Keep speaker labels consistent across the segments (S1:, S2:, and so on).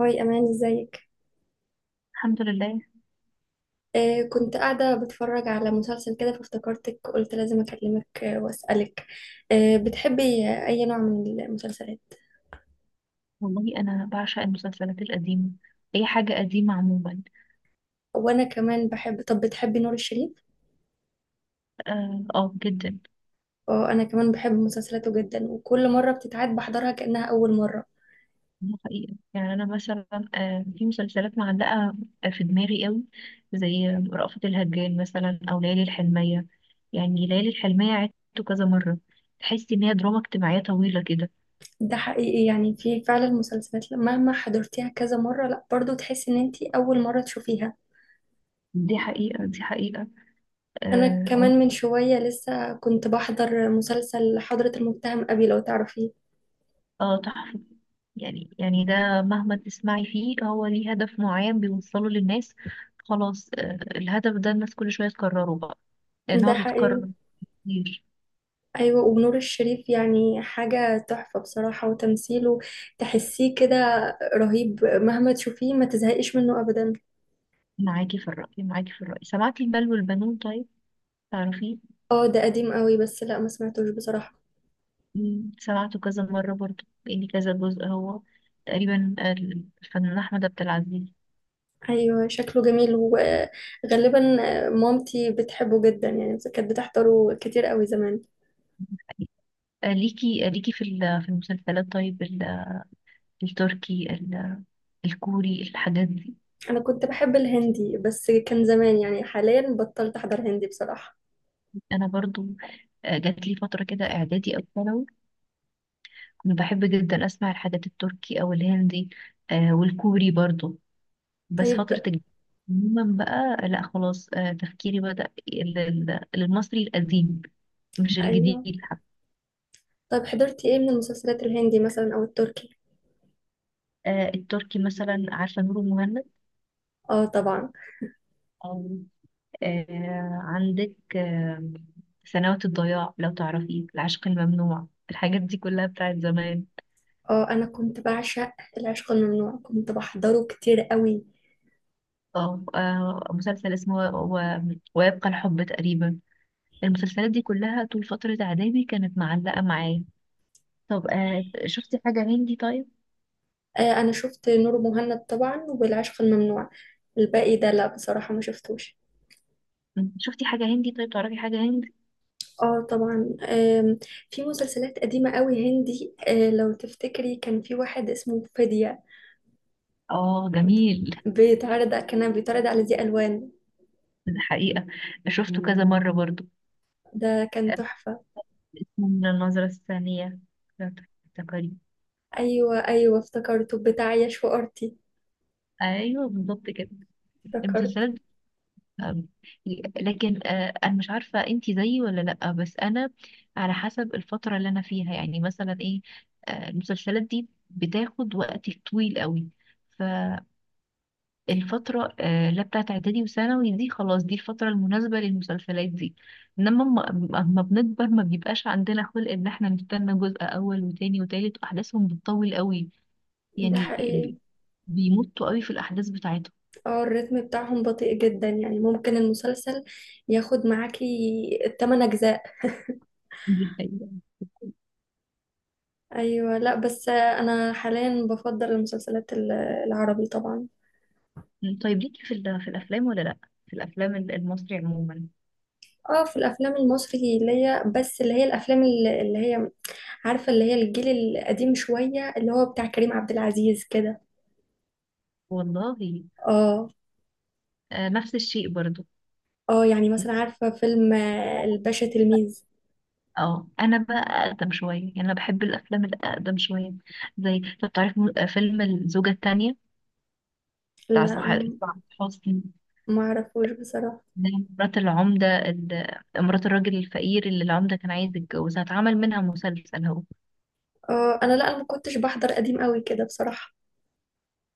S1: هاي أمان، ازيك؟
S2: الحمد لله.
S1: كنت قاعدة بتفرج على مسلسل كده فافتكرتك، قلت لازم أكلمك وأسألك. بتحبي أي نوع من المسلسلات؟
S2: والله انا بعشق المسلسلات القديمه، اي حاجه قديمه عموما.
S1: وأنا كمان بحب. طب بتحبي نور الشريف؟
S2: اه، آه، جدا.
S1: اه، أنا كمان بحب مسلسلاته جدا، وكل مرة بتتعاد بحضرها كأنها أول مرة.
S2: دي حقيقه، يعني انا مثلا في مسلسلات معلقه في دماغي قوي، زي رأفت الهجان مثلا او ليالي الحلميه. يعني ليالي الحلميه عدته كذا مره، تحس ان هي دراما اجتماعيه طويله كده.
S1: ده حقيقي، يعني في فعلا مسلسلات مهما حضرتيها كذا مرة لا برضو تحسي إن أنتي أول مرة تشوفيها.
S2: دي حقيقه دي حقيقه.
S1: أنا
S2: اه.
S1: كمان من شوية لسه كنت بحضر مسلسل حضرة المتهم أبي، لو تعرفيه.
S2: آه، تحفه. يعني ده مهما تسمعي فيه، هو ليه هدف معين بيوصله للناس. خلاص، الهدف ده الناس كل شوية تكرره بقى، لأن
S1: ده
S2: هو
S1: حقيقي.
S2: بيتكرر كتير.
S1: ايوه، ونور الشريف يعني حاجة تحفة بصراحة، وتمثيله تحسيه كده رهيب، مهما تشوفيه ما تزهقيش منه ابدا.
S2: معاكي في الرأي، معاكي في الرأي. سمعتي المال والبنون؟ طيب، تعرفيه؟
S1: اه ده قديم قوي، بس لا ما سمعتوش بصراحة.
S2: سمعته كذا مرة برضه، لأن كذا جزء هو، تقريبا الفنان أحمد عبد العزيز.
S1: ايوه شكله جميل، وغالبا مامتي بتحبه جدا، يعني كانت بتحضره كتير قوي زمان.
S2: ليكي في المسلسلات، طيب التركي الكوري، الحاجات دي.
S1: انا كنت بحب الهندي بس كان زمان، يعني حاليا بطلت احضر هندي بصراحة.
S2: أنا برضو، جات لي فترة كده إعدادي أو ثانوي، أنا بحب جدا أسمع الحاجات التركي أو الهندي والكوري برضو. بس
S1: طيب.
S2: عموما بقى، لا، خلاص، تفكيري بدأ للمصري القديم، مش
S1: ايوه،
S2: الجديد حتى.
S1: طيب حضرتي ايه من المسلسلات الهندي مثلا او التركي؟
S2: التركي مثلا، عارفة نور المهند؟
S1: اه طبعا.
S2: أو عندك سنوات الضياع، لو تعرفي، العشق الممنوع، الحاجات دي كلها بتاعت زمان.
S1: اه انا كنت بعشق العشق الممنوع، كنت بحضره كتير قوي.
S2: مسلسل اسمه ويبقى الحب تقريبا. المسلسلات دي كلها طول فترة إعدادي كانت معلقة معايا. طب شفتي حاجة هندي طيب؟
S1: آه انا شفت نور مهند طبعا والعشق الممنوع، الباقي ده لا بصراحة ما شفتوش.
S2: شفتي حاجة هندي طيب، تعرفي حاجة هندي؟
S1: اه طبعا. في مسلسلات قديمة قوي هندي، آه لو تفتكري كان في واحد اسمه فدية،
S2: اه جميل.
S1: بيتعرض كان بيتعرض على ذي ألوان.
S2: الحقيقة، شفته كذا مرة برضو.
S1: ده كان
S2: آه،
S1: تحفة.
S2: اسمه من النظرة الثانية، لو تفتكري.
S1: ايوه ايوه، افتكرته بتاع ياش وارتي.
S2: ايوه بالظبط كده،
S1: افتكرت.
S2: المسلسلات. آه، لكن انا مش عارفة انتي زيي ولا لأ، بس انا على حسب الفترة اللي انا فيها، يعني مثلا ايه، المسلسلات دي بتاخد وقت طويل قوي. ف الفترة، لا، بتاعت إعدادي وثانوي دي، خلاص دي الفترة المناسبة للمسلسلات دي. إنما، أما بنكبر ما بيبقاش عندنا خلق إن إحنا نستنى جزء أول وتاني وتالت، وأحداثهم بتطول قوي.
S1: ده
S2: يعني
S1: حقيقي.
S2: بيمطوا قوي في الأحداث بتاعتهم.
S1: اه الريتم بتاعهم بطيء جدا، يعني ممكن المسلسل ياخد معاكي التمن أجزاء.
S2: دي حقيقة.
S1: أيوة. لا بس أنا حاليا بفضل المسلسلات العربي طبعا.
S2: طيب ليكي في الأفلام ولا لأ؟ في الأفلام المصري عموما.
S1: اه في الأفلام المصري ليا، بس اللي هي الأفلام اللي هي، عارفة اللي هي الجيل القديم شوية، اللي هو بتاع كريم عبد العزيز كده.
S2: والله،
S1: اه.
S2: نفس الشيء برضو.
S1: اه يعني مثلا عارفة فيلم الباشا تلميذ.
S2: اه انا بقى اقدم شويه، يعني انا بحب الافلام الاقدم شويه، زي طب تعرف فيلم الزوجه الثانيه، بتاع
S1: لا
S2: سعاد حسني.
S1: معرفوش بصراحة.
S2: إن هي مرات العمدة، مرات الراجل الفقير اللي العمدة كان عايز يتجوزها، اتعمل منها مسلسل هو.
S1: اه أنا لا، أنا ما كنتش بحضر قديم قوي كده بصراحة.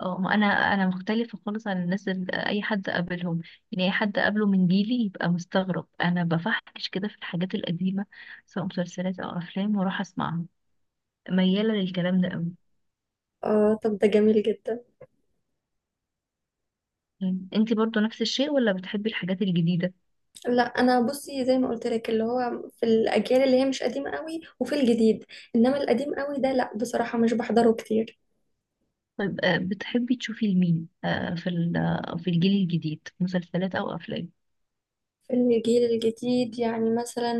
S2: اه، ما انا مختلفة خالص عن الناس اللي اي حد قابلهم. يعني اي حد قابله من جيلي يبقى مستغرب انا بفحش كده في الحاجات القديمة سواء مسلسلات او افلام، واروح اسمعها، ميالة للكلام ده قوي.
S1: اه طب ده جميل جدا.
S2: يعني انتي برضو نفس الشيء ولا بتحبي الحاجات الجديدة؟
S1: لا انا بصي زي ما قلت لك، اللي هو في الاجيال اللي هي مش قديمه قوي وفي الجديد، انما القديم قوي ده لا بصراحه مش بحضره كتير.
S2: طيب بتحبي تشوفي لمين في الجيل الجديد مسلسلات او افلام؟
S1: في الجيل الجديد يعني مثلا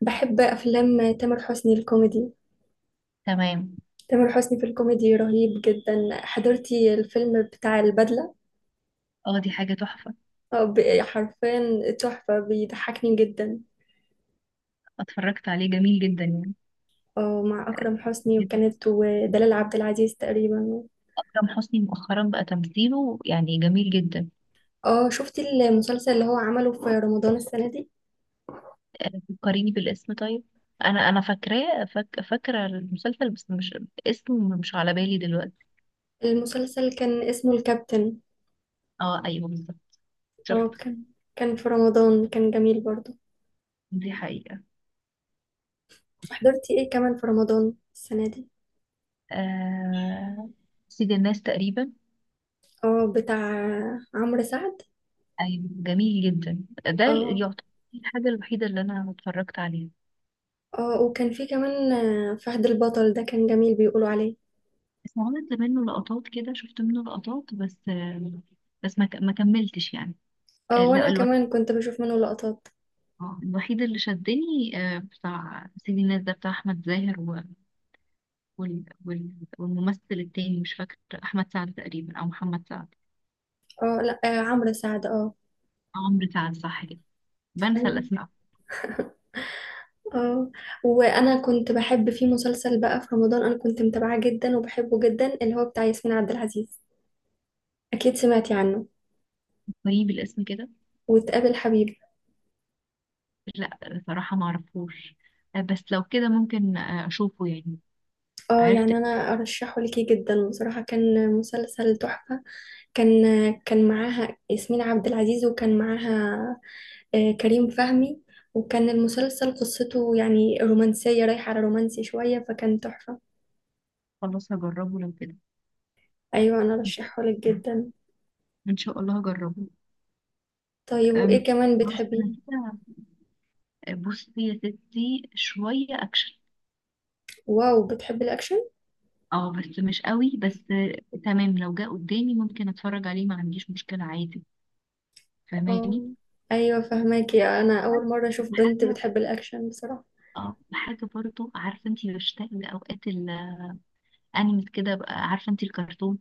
S1: بحب افلام تامر حسني الكوميدي.
S2: تمام.
S1: تامر حسني في الكوميدي رهيب جدا. حضرتي الفيلم بتاع البدله؟
S2: اه دي حاجة تحفة.
S1: حرفيا تحفه، بيضحكني جدا.
S2: اتفرجت عليه، جميل جدا يعني.
S1: اه مع اكرم حسني وكانت ودلال عبد العزيز تقريبا.
S2: أكرم حسني مؤخرا بقى تمثيله يعني جميل جدا.
S1: اه شفتي المسلسل اللي هو عمله في رمضان السنه دي؟
S2: فكريني بالاسم طيب، أنا فاكرة المسلسل بس مش اسمه، مش على بالي دلوقتي.
S1: المسلسل كان اسمه الكابتن.
S2: اه أيوه بالظبط،
S1: اه
S2: شفته.
S1: كان، كان في رمضان، كان جميل برضو.
S2: دي حقيقة.
S1: حضرتي ايه كمان في رمضان السنة دي؟
S2: آه... سيد الناس تقريبا.
S1: اه بتاع عمرو سعد.
S2: أيوه جميل جدا، ده
S1: اه.
S2: يعتبر الحاجة الوحيدة اللي أنا اتفرجت عليها.
S1: اه وكان في كمان فهد البطل ده كان جميل بيقولوا عليه.
S2: بس عملت منه لقطات كده، شفت منه لقطات بس، بس ما كملتش يعني.
S1: اه وانا
S2: لا،
S1: كمان كنت بشوف منه لقطات.
S2: الوحيد اللي شدني بتاع سيدي الناس ده، بتاع أحمد زاهر وال... وال... والممثل التاني مش فاكر، أحمد سعد تقريبا أو محمد سعد،
S1: اه لا، عمرو سعد اه.
S2: أو عمرو سعد، صح كده. بنسى
S1: أيوة.
S2: الأسماء.
S1: اه وانا كنت بحب في مسلسل بقى في رمضان انا كنت متابعاه جدا وبحبه جدا، اللي هو بتاع ياسمين عبد العزيز، اكيد سمعتي عنه،
S2: قريب الاسم كده.
S1: وتقابل حبيب.
S2: لا، صراحة معرفوش. بس لو كده ممكن أشوفه يعني.
S1: اه
S2: عرفت.
S1: يعني انا ارشحه ليكي جدا بصراحة، كان مسلسل تحفة. كان، كان معاها ياسمين عبد العزيز، وكان معاها كريم فهمي، وكان المسلسل قصته يعني رومانسية رايحة على رومانسي شوية، فكان تحفة.
S2: خلاص هجربه لو كده.
S1: ايوه انا
S2: إن شاء
S1: ارشحه لك
S2: الله،
S1: جدا.
S2: إن شاء الله هجربه.
S1: طيب وايه
S2: أم،
S1: كمان
S2: خلاص
S1: بتحبيه؟
S2: أنا كده، بصي يا ستي، شوية أكشن.
S1: واو، بتحبي الاكشن؟
S2: اه بس مش قوي، بس تمام، لو جه قدامي ممكن اتفرج عليه، ما عنديش مشكلة عادي.
S1: اه.
S2: فاهماني؟
S1: ايوه فهماكي، انا
S2: بس
S1: اول مرة اشوف بنت
S2: حاجة،
S1: بتحب الاكشن بصراحة.
S2: اه حاجة برضو، عارفة انتي، بشتاق لأوقات الأنمي كده بقى، عارفة انتي الكرتون.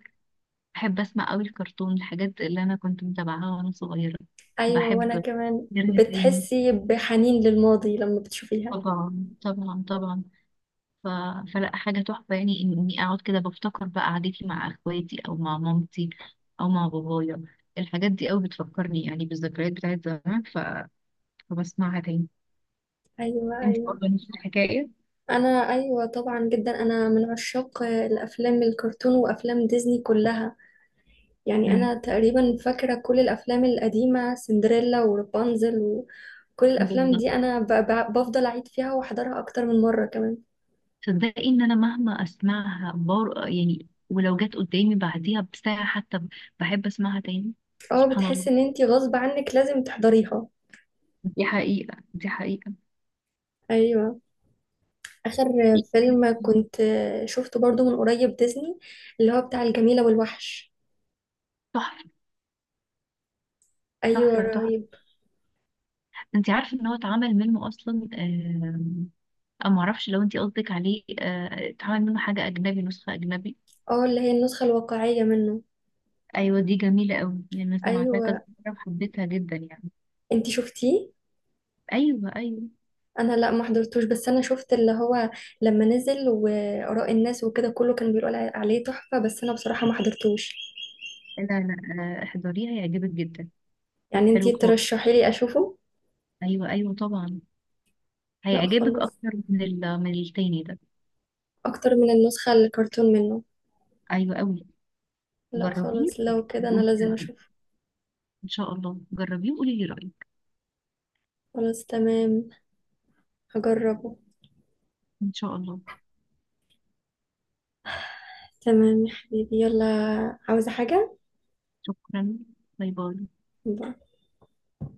S2: بحب أسمع قوي الكرتون، الحاجات اللي أنا كنت متابعاها وأنا صغيرة.
S1: ايوه، وانا
S2: بحب
S1: كمان
S2: غيرها تاني،
S1: بتحسي بحنين للماضي لما بتشوفيها.
S2: طبعا طبعا طبعا. ف... فلا، حاجة تحفة يعني إني أقعد كده بفتكر بقى قعدتي مع أخواتي أو مع مامتي أو مع بابايا. الحاجات دي أوي بتفكرني يعني بالذكريات بتاعت زمان، فبسمعها تاني.
S1: ايوه
S2: انت
S1: ايوه.
S2: برضه نفس الحكاية؟
S1: انا ايوه طبعا، جدا، انا من عشاق الافلام الكرتون وافلام ديزني كلها. يعني انا
S2: مم.
S1: تقريبا فاكره كل الافلام القديمه، سندريلا ورابنزل وكل الافلام
S2: بالظبط.
S1: دي، بفضل اعيد فيها واحضرها اكتر من مره كمان.
S2: تصدقي إن أنا مهما أسمعها يعني، ولو جت قدامي بعديها بساعة حتى بحب أسمعها تاني.
S1: اه
S2: سبحان الله.
S1: بتحس ان انتي غصب عنك لازم تحضريها.
S2: دي حقيقة دي حقيقة.
S1: ايوه. اخر فيلم كنت شفته برضو من قريب ديزني، اللي هو بتاع الجميله والوحش.
S2: تحفة
S1: ايوه
S2: تحفة تحفة.
S1: رهيب.
S2: انت عارفه ان هو اتعمل منه اصلا، او معرفش لو انت قصدك عليه، اتعمل منه حاجه اجنبي، نسخه اجنبي.
S1: اه اللي هي النسخه الواقعيه منه.
S2: ايوه دي جميله قوي يعني، انا سمعتها كذا
S1: ايوه.
S2: مره وحبيتها جدا يعني.
S1: انتي شفتيه؟
S2: ايوه ايوه.
S1: انا لا، ما حضرتوش، بس انا شفت اللي هو لما نزل واراء الناس وكده، كله كان بيقول عليه تحفة، بس انا بصراحة ما حضرتوش.
S2: لا لا، احضريها هيعجبك جدا.
S1: يعني
S2: حلو
S1: انتي
S2: خالص.
S1: ترشحي لي اشوفه؟
S2: ايوه ايوه طبعا،
S1: لا
S2: هيعجبك
S1: خالص.
S2: اكتر من من التاني ده.
S1: اكتر من النسخة الكرتون منه؟
S2: ايوه قوي.
S1: لا
S2: جربيه
S1: خالص، لو كده انا
S2: وقولي لي
S1: لازم
S2: رأيك.
S1: اشوفه.
S2: ان شاء الله جربيه وقولي لي رايك.
S1: خلاص تمام هجربه.
S2: ان شاء الله.
S1: تمام يا حبيبي، يلا. عاوزة حاجة؟
S2: شكرا. باي باي.
S1: باي.